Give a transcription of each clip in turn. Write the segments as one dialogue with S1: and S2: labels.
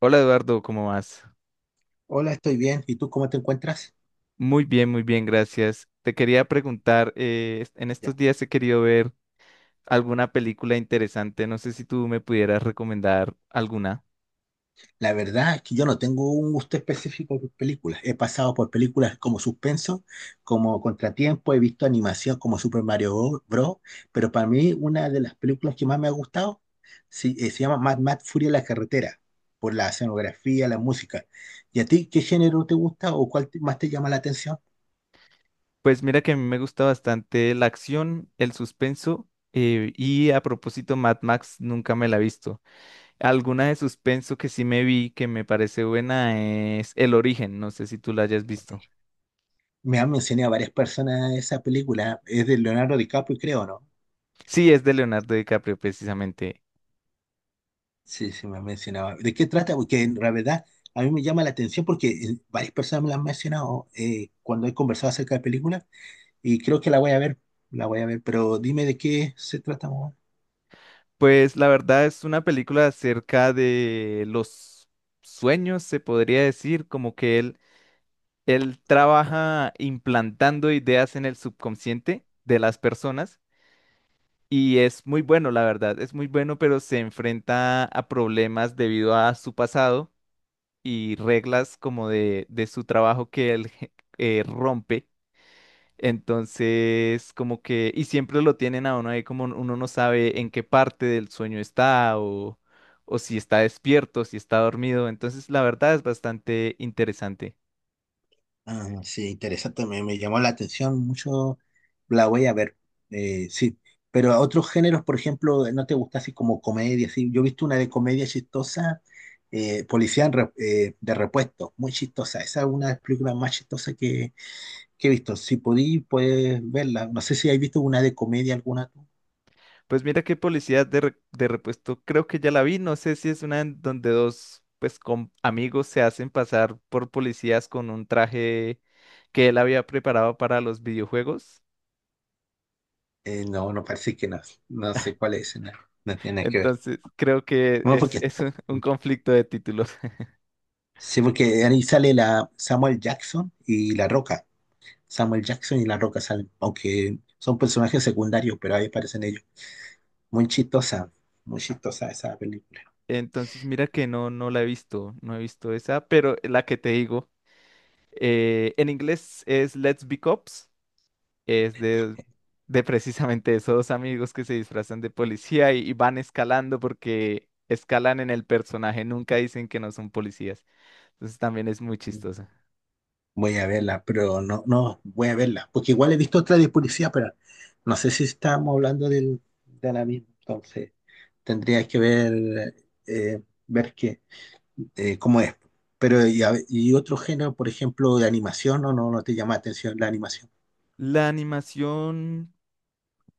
S1: Hola, Eduardo, ¿cómo vas?
S2: Hola, estoy bien. ¿Y tú cómo te encuentras?
S1: Muy bien, gracias. Te quería preguntar, en estos
S2: Ya.
S1: días he querido ver alguna película interesante. No sé si tú me pudieras recomendar alguna.
S2: La verdad es que yo no tengo un gusto específico por películas. He pasado por películas como suspenso, como Contratiempo, he visto animación como Super Mario Bros. Pero para mí, una de las películas que más me ha gustado sí, se llama Mad Mad Furia en la carretera, por la escenografía, la música. ¿Y a ti qué género te gusta o más te llama la atención?
S1: Pues mira que a mí me gusta bastante la acción, el suspenso, y a propósito Mad Max nunca me la he visto. Alguna de suspenso que sí me vi que me parece buena es El Origen, no sé si tú la hayas visto.
S2: Me han mencionado varias personas esa película. Es de Leonardo DiCaprio, creo, ¿no?
S1: Sí, es de Leonardo DiCaprio precisamente.
S2: Sí, sí, me han mencionado. ¿De qué trata? Porque en realidad a mí me llama la atención porque varias personas me la han mencionado cuando he conversado acerca de películas y creo que la voy a ver, la voy a ver, pero dime de qué se trata.
S1: Pues la verdad es una película acerca de los sueños, se podría decir, como que él trabaja implantando ideas en el subconsciente de las personas y es muy bueno, la verdad, es muy bueno, pero se enfrenta a problemas debido a su pasado y reglas como de su trabajo que él rompe. Entonces, como que, y siempre lo tienen a uno ahí como uno no sabe en qué parte del sueño está o si está despierto, si está dormido. Entonces, la verdad es bastante interesante.
S2: Ah, sí, interesante, me llamó la atención mucho, la voy a ver, sí, pero a otros géneros, por ejemplo, ¿no te gusta así como comedia? Sí, yo he visto una de comedia chistosa, de repuesto, muy chistosa, esa es una de las películas más que he visto, puedes verla, no sé si has visto una de comedia alguna tú.
S1: Pues mira qué policía de repuesto, creo que ya la vi. No sé si es una en donde dos, pues, con amigos se hacen pasar por policías con un traje que él había preparado para los videojuegos.
S2: No, no parece que no, no sé cuál es, no, no tiene nada que ver.
S1: Entonces, creo que
S2: No,
S1: es,
S2: porque,
S1: es un conflicto de títulos.
S2: sí, porque ahí sale la Samuel Jackson y La Roca. Samuel Jackson y La Roca salen, aunque son personajes secundarios, pero ahí aparecen ellos. Muy chistosa, muy chistosa esa película.
S1: Entonces, mira que no, no la he visto, no he visto esa, pero la que te digo, en inglés es Let's Be Cops, es de precisamente esos dos amigos que se disfrazan de policía y van escalando porque escalan en el personaje, nunca dicen que no son policías. Entonces también es muy chistosa.
S2: Voy a verla, pero no, no, voy a verla, porque igual he visto otra de policía, pero no sé si estamos hablando de la misma, entonces tendría que ver, ver qué cómo es. Pero, y, y otro género, por ejemplo, de animación, no, no, no te llama la atención la animación.
S1: La animación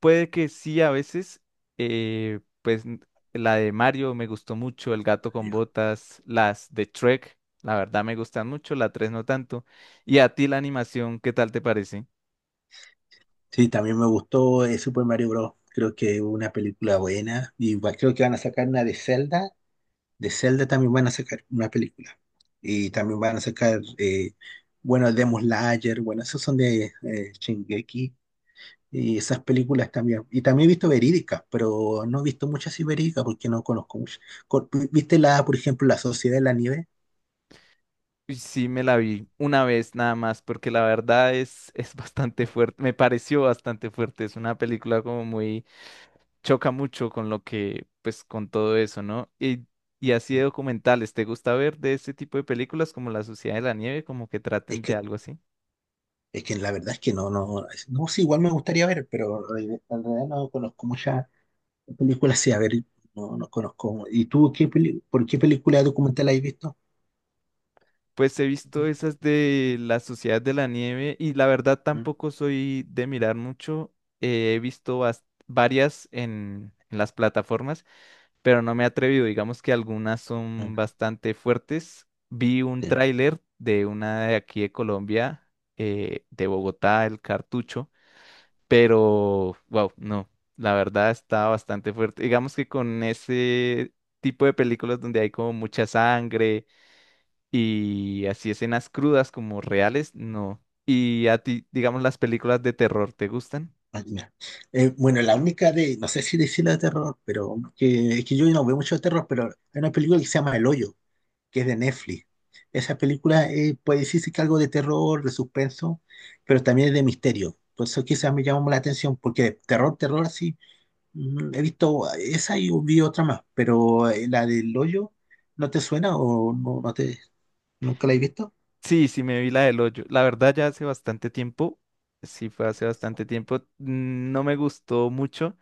S1: puede que sí, a veces, pues la de Mario me gustó mucho, El gato con botas, las de Trek, la verdad me gustan mucho, la 3 no tanto. Y a ti la animación, ¿qué tal te parece?
S2: Sí, también me gustó Super Mario Bros. Creo que es una película buena. Creo que van a sacar una de Zelda. De Zelda también van a sacar una película. Y también van a sacar, bueno, Demon Slayer. Bueno, esos son de Shingeki. Y esas películas también. Y también he visto verídicas, pero no he visto muchas verídicas porque no conozco muchas. ¿Viste la, por ejemplo, La Sociedad de la Nieve?
S1: Sí, me la vi una vez nada más, porque la verdad es, es bastante fuerte, me pareció bastante fuerte. Es una película como muy, choca mucho con lo que, pues con todo eso, ¿no? Y así de documentales, ¿te gusta ver de ese tipo de películas como La Sociedad de la Nieve, como que traten
S2: Es
S1: de
S2: que,
S1: algo así?
S2: es que la verdad es que no, no, sí, igual me gustaría ver, pero en realidad no conozco muchas. ¿Qué película sí? A ver, no, no conozco. ¿Y tú qué por qué película documental has visto?
S1: Pues he visto
S2: Mm,
S1: esas de la Sociedad de la Nieve y la verdad tampoco soy de mirar mucho. He visto varias en las plataformas, pero no me he atrevido. Digamos que algunas
S2: mm,
S1: son bastante fuertes. Vi un
S2: sí.
S1: tráiler de una de aquí de Colombia, de Bogotá, El Cartucho, pero wow, no, la verdad está bastante fuerte. Digamos que con ese tipo de películas donde hay como mucha sangre y así escenas crudas como reales, no. ¿Y a ti, digamos, las películas de terror, te gustan?
S2: Ah, ya. Bueno, la única de, no sé si decirla de terror, pero que, es que yo no veo mucho de terror, pero hay una película que se llama El Hoyo, que es de Netflix. Esa película puede decirse que algo de terror, de suspenso, pero también es de misterio. Por eso quizás me llamó la atención, porque de terror, terror, sí. He visto esa y vi otra más, pero la del hoyo, ¿no te suena o no, no te...? ¿Nunca la he visto?
S1: Sí, sí, me vi la del hoyo. La verdad, ya hace bastante tiempo, sí fue hace bastante tiempo, no me gustó mucho,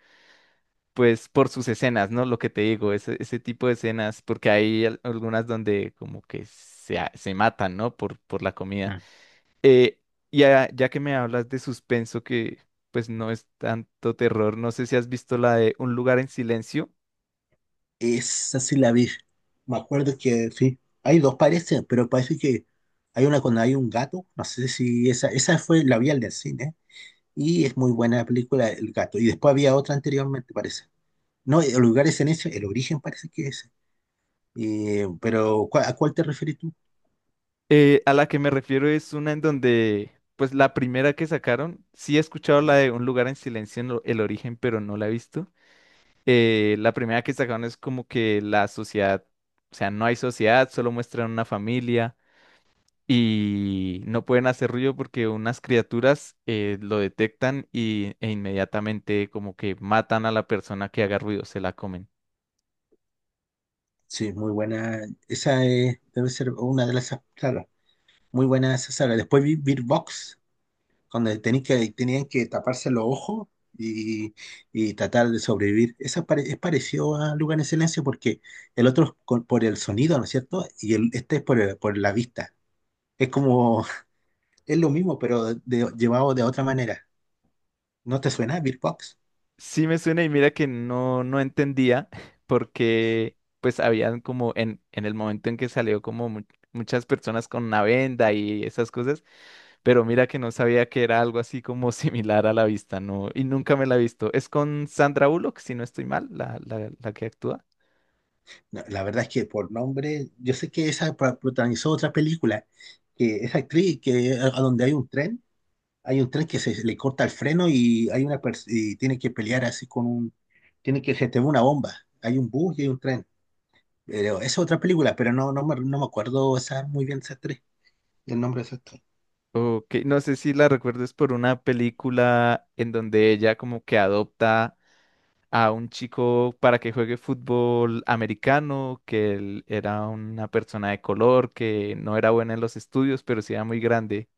S1: pues por sus escenas, ¿no? Lo que te digo, ese tipo de escenas, porque hay algunas donde como que se, se matan, ¿no? Por la comida.
S2: Ah.
S1: Eh, ya que me hablas de suspenso, que pues no es tanto terror, no sé si has visto la de Un lugar en silencio.
S2: Esa sí la vi. Me acuerdo que sí. Hay dos parece, pero parece que hay una cuando hay un gato. No sé si esa, esa fue, la vi al el cine. Y es muy buena la película, El gato. Y después había otra anteriormente, parece. No, el lugar es en ese, el origen parece que es. Pero ¿a cuál te refieres tú?
S1: A la que me refiero es una en donde, pues la primera que sacaron, sí he escuchado la de Un lugar en silencio en el origen, pero no la he visto. La primera que sacaron es como que la sociedad, o sea, no hay sociedad, solo muestran una familia y no pueden hacer ruido porque unas criaturas lo detectan y, e inmediatamente como que matan a la persona que haga ruido, se la comen.
S2: Sí, muy buena. Esa es- debe ser una de las sagas. Muy buena esa saga. Después vi Bird Box cuando tenían que taparse los ojos y, y tratar de sobrevivir. Eso es, es parecido a Lugar en Silencio porque el otro por el sonido, ¿no es cierto? Y el, este es por, por la vista. Es como, es lo mismo, pero llevado de otra manera. ¿No te suena Birbox?
S1: Sí, me suena, y mira que no, no entendía porque pues habían como en el momento en que salió como muchas personas con una venda y esas cosas, pero mira que no sabía que era algo así como similar a la vista, ¿no? Y nunca me la he visto. Es con Sandra Bullock, si no estoy mal, la que actúa.
S2: No, la verdad es que por nombre, yo sé que esa protagonizó otra película, que esa actriz que a donde hay un tren que se le corta el freno y hay y tiene que pelear así con un tienen que gestionar una bomba. Hay un bus y hay un tren. Pero esa es otra película, pero no, no me acuerdo esa, muy bien esas tres, el nombre de esas tres.
S1: Ok, no sé si la recuerdo. Es por una película en donde ella como que adopta a un chico para que juegue fútbol americano, que él era una persona de color, que no era buena en los estudios, pero sí era muy grande.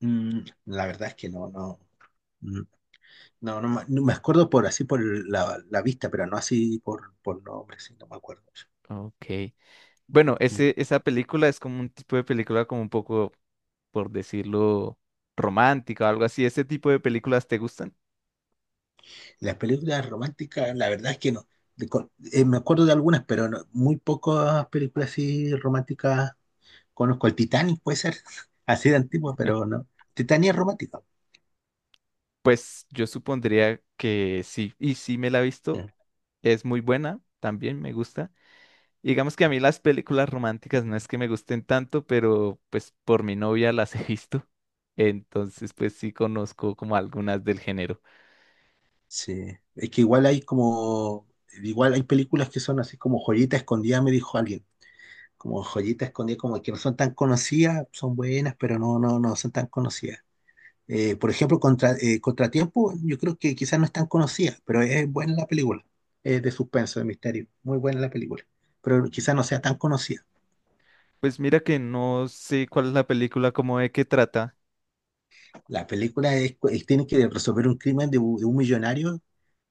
S2: Mm, la verdad es que no, no, mm, no, no, no me acuerdo por así por la vista, pero no así por nombre, sí, no me acuerdo.
S1: Ok. Bueno,
S2: Mm.
S1: ese, esa película es como un tipo de película como un poco, por decirlo, romántica o algo así. ¿Ese tipo de películas te gustan?
S2: Las películas románticas, la verdad es que no. Me acuerdo de algunas, pero muy pocas películas así románticas conozco. El Titanic puede ser así de antiguo, pero no. Titanic es romántica.
S1: Pues yo supondría que sí, y sí me la he visto, es muy buena, también me gusta. Y digamos que a mí las películas románticas no es que me gusten tanto, pero pues por mi novia las he visto. Entonces, pues sí conozco como algunas del género.
S2: Sí, es que igual hay como, igual hay películas que son así como joyita escondida, me dijo alguien, como joyita escondida, como que no son tan conocidas, son buenas, pero no, no, no son tan conocidas. Por ejemplo, Contratiempo, yo creo que quizás no es tan conocida, pero es buena la película, es de suspenso, de misterio, muy buena la película, pero quizás no sea tan conocida.
S1: Pues mira que no sé cuál es la película, como de qué trata.
S2: La película tiene que resolver un crimen de un millonario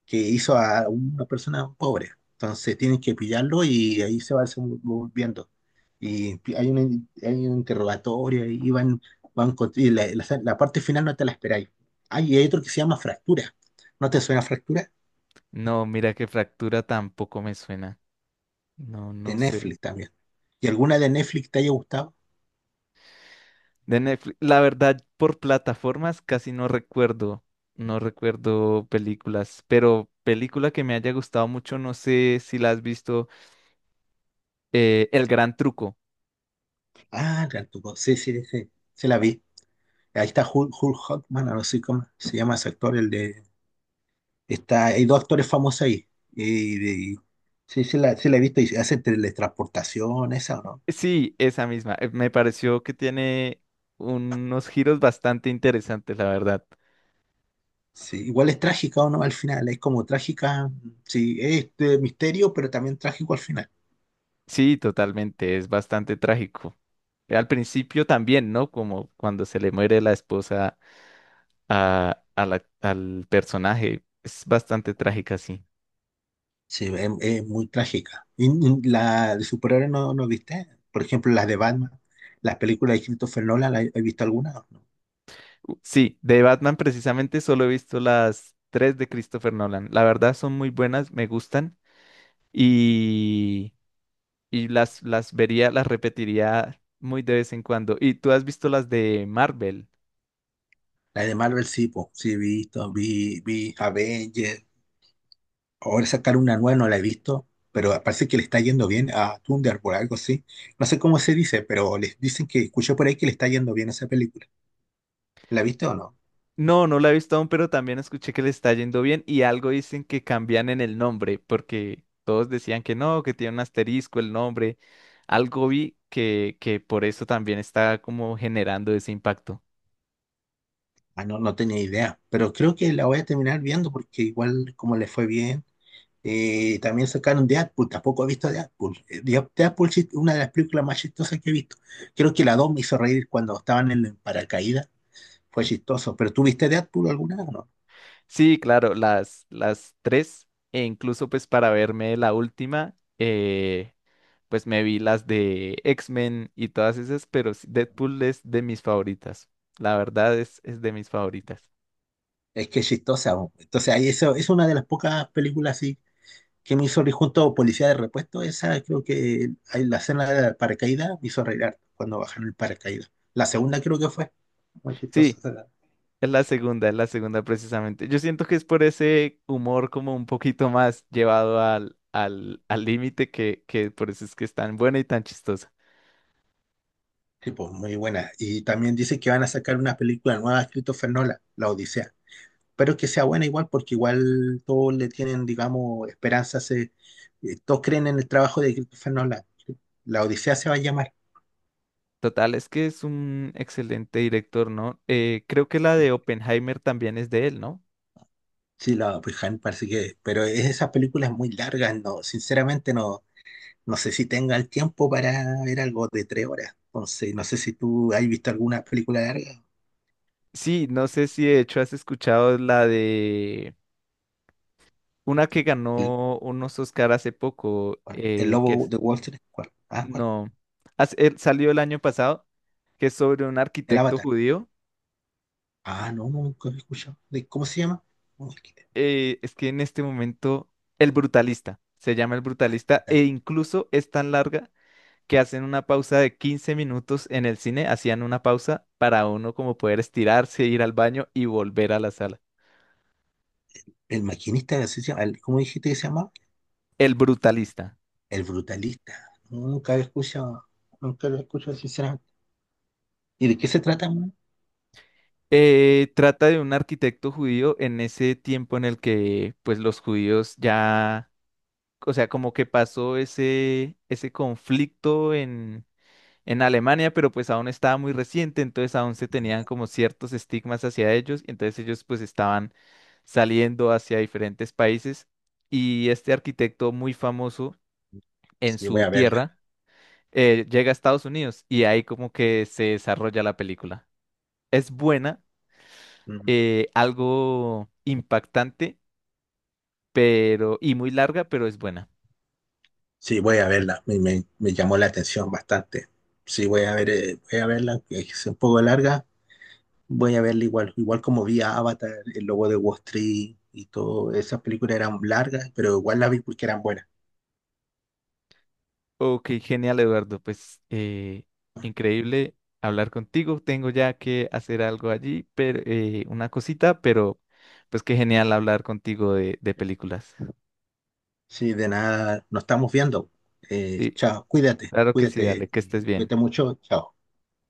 S2: que hizo a una persona pobre, entonces tienen que pillarlo y ahí se va volviendo. Y hay un interrogatorio van y la parte final no te la esperáis. Ah, y hay otro que se llama Fractura. ¿No te suena Fractura?
S1: No, mira que Fractura tampoco me suena. No,
S2: De
S1: no sé.
S2: Netflix también. ¿Y alguna de Netflix te haya gustado?
S1: De Netflix, la verdad, por plataformas casi no recuerdo. No recuerdo películas, pero película que me haya gustado mucho, no sé si la has visto, El Gran Truco.
S2: Ah, Rantuco, sí, sí, sí, se la vi. Ahí está Hugh, Hugh Jackman, no sé cómo se llama ese actor, el de... Está, hay dos actores famosos ahí. Y, y- sí, sí la he visto y hace teletransportación, esa, ¿o no?
S1: Sí, esa misma. Me pareció que tiene unos giros bastante interesantes, la verdad.
S2: Sí, igual es trágica o no al final, es como trágica, sí, es de misterio, pero también trágico al final.
S1: Sí, totalmente, es bastante trágico. Al principio también, ¿no? Como cuando se le muere la esposa al personaje. Es bastante trágica, sí.
S2: Sí, es muy trágica. Y la de superhéroes no, no viste, por ejemplo, las de Batman, las películas de Christopher Nolan, ¿la he visto algunas? ¿O no?
S1: Sí, de Batman precisamente solo he visto las tres de Christopher Nolan. La verdad son muy buenas, me gustan y, y las vería, las repetiría muy de vez en cuando. ¿Y tú has visto las de Marvel?
S2: La de Marvel sí, po, sí he visto, vi Avengers, ahora sacar una nueva no la he visto, pero parece que le está yendo bien a Thunderbolt, algo así. No sé cómo se dice, pero les dicen que escuché por ahí que le está yendo bien a esa película. ¿La viste o no?
S1: No, no la he visto aún, pero también escuché que le está yendo bien y algo dicen que cambian en el nombre, porque todos decían que no, que tiene un asterisco el nombre. Algo vi que por eso también está como generando ese impacto.
S2: Ah, no, no tenía idea, pero creo que la voy a terminar viendo porque igual como le fue bien, también sacaron Deadpool, tampoco he visto Deadpool. Deadpool es una de las películas más chistosas que he visto. Creo que la 2 me hizo reír cuando estaban en el paracaídas, fue chistoso, pero ¿tú viste Deadpool alguna vez o no?
S1: Sí, claro, las tres, e incluso pues para verme la última, pues me vi las de X-Men y todas esas, pero sí, Deadpool es de mis favoritas. La verdad es de mis favoritas.
S2: Es que es chistosa, bo. Entonces ahí eso es una de las pocas películas así que me hizo reír junto a Policía de Repuesto, esa creo que ahí la escena del paracaídas me hizo reír harto cuando bajaron el paracaídas. La segunda creo que fue, muy
S1: Sí.
S2: chistosa.
S1: Es la segunda precisamente. Yo siento que es por ese humor como un poquito más llevado al límite, que por eso es que es tan buena y tan chistosa.
S2: Sí, pues, muy buena. Y también dice que van a sacar una película nueva de Christopher Nolan, La Odisea. Pero que sea buena igual, porque igual todos le tienen, digamos, esperanza. Se, todos creen en el trabajo de Christopher Nolan. La Odisea se va a llamar.
S1: Total, es que es un excelente director, ¿no? Creo que la de Oppenheimer también es de él, ¿no?
S2: Sí, la pues, Han parece que. Pero es, esas películas muy largas, no, sinceramente no, no sé si tenga el tiempo para ver algo de 3 horas. Entonces, no sé si tú has visto alguna película larga.
S1: Sí, no sé si de hecho has escuchado la de una que
S2: El,
S1: ganó unos Oscar hace poco,
S2: bueno, el
S1: que
S2: Lobo
S1: es,
S2: de Wall Street, ¿cuál? Ah, ¿cuál?
S1: no, salió el año pasado, que es sobre un
S2: El
S1: arquitecto
S2: Avatar.
S1: judío.
S2: Ah, no, no, nunca lo he escuchado. ¿De cómo se llama? Un maquinista.
S1: Es que en este momento El Brutalista, se llama El
S2: Ah,
S1: Brutalista, e
S2: brutal.
S1: incluso es tan larga que hacen una pausa de 15 minutos en el cine, hacían una pausa para uno como poder estirarse, ir al baño y volver a la sala.
S2: El maquinista, así se llama. El- ¿cómo dijiste que se llama?
S1: El Brutalista.
S2: El brutalista. No, nunca lo he escuchado. Nunca lo he escuchado, sinceramente. ¿Y de qué se trata, man?
S1: Trata de un arquitecto judío en ese tiempo en el que pues los judíos ya, o sea, como que pasó ese conflicto en Alemania, pero pues aún estaba muy reciente, entonces aún se tenían como ciertos estigmas hacia ellos, y entonces ellos pues estaban saliendo hacia diferentes países y este arquitecto muy famoso en
S2: Sí, voy
S1: su
S2: a verla.
S1: tierra llega a Estados Unidos y ahí como que se desarrolla la película. Es buena,
S2: Mm.
S1: algo impactante, pero y muy larga, pero es buena.
S2: Sí, voy a verla. Me llamó la atención bastante. Sí, voy a ver, voy a verla, que es un poco larga. Voy a verla igual. Igual como vi a Avatar, El Lobo de Wall Street y todo. Esas películas eran largas, pero igual las vi porque eran buenas.
S1: Ok, genial, Eduardo. Pues increíble hablar contigo. Tengo ya que hacer algo allí, pero una cosita, pero pues qué genial hablar contigo de películas.
S2: Sí, de nada, nos estamos viendo.
S1: Sí,
S2: Chao, cuídate,
S1: claro que sí,
S2: cuídate
S1: dale, que estés
S2: y
S1: bien.
S2: cuídate mucho. Chao.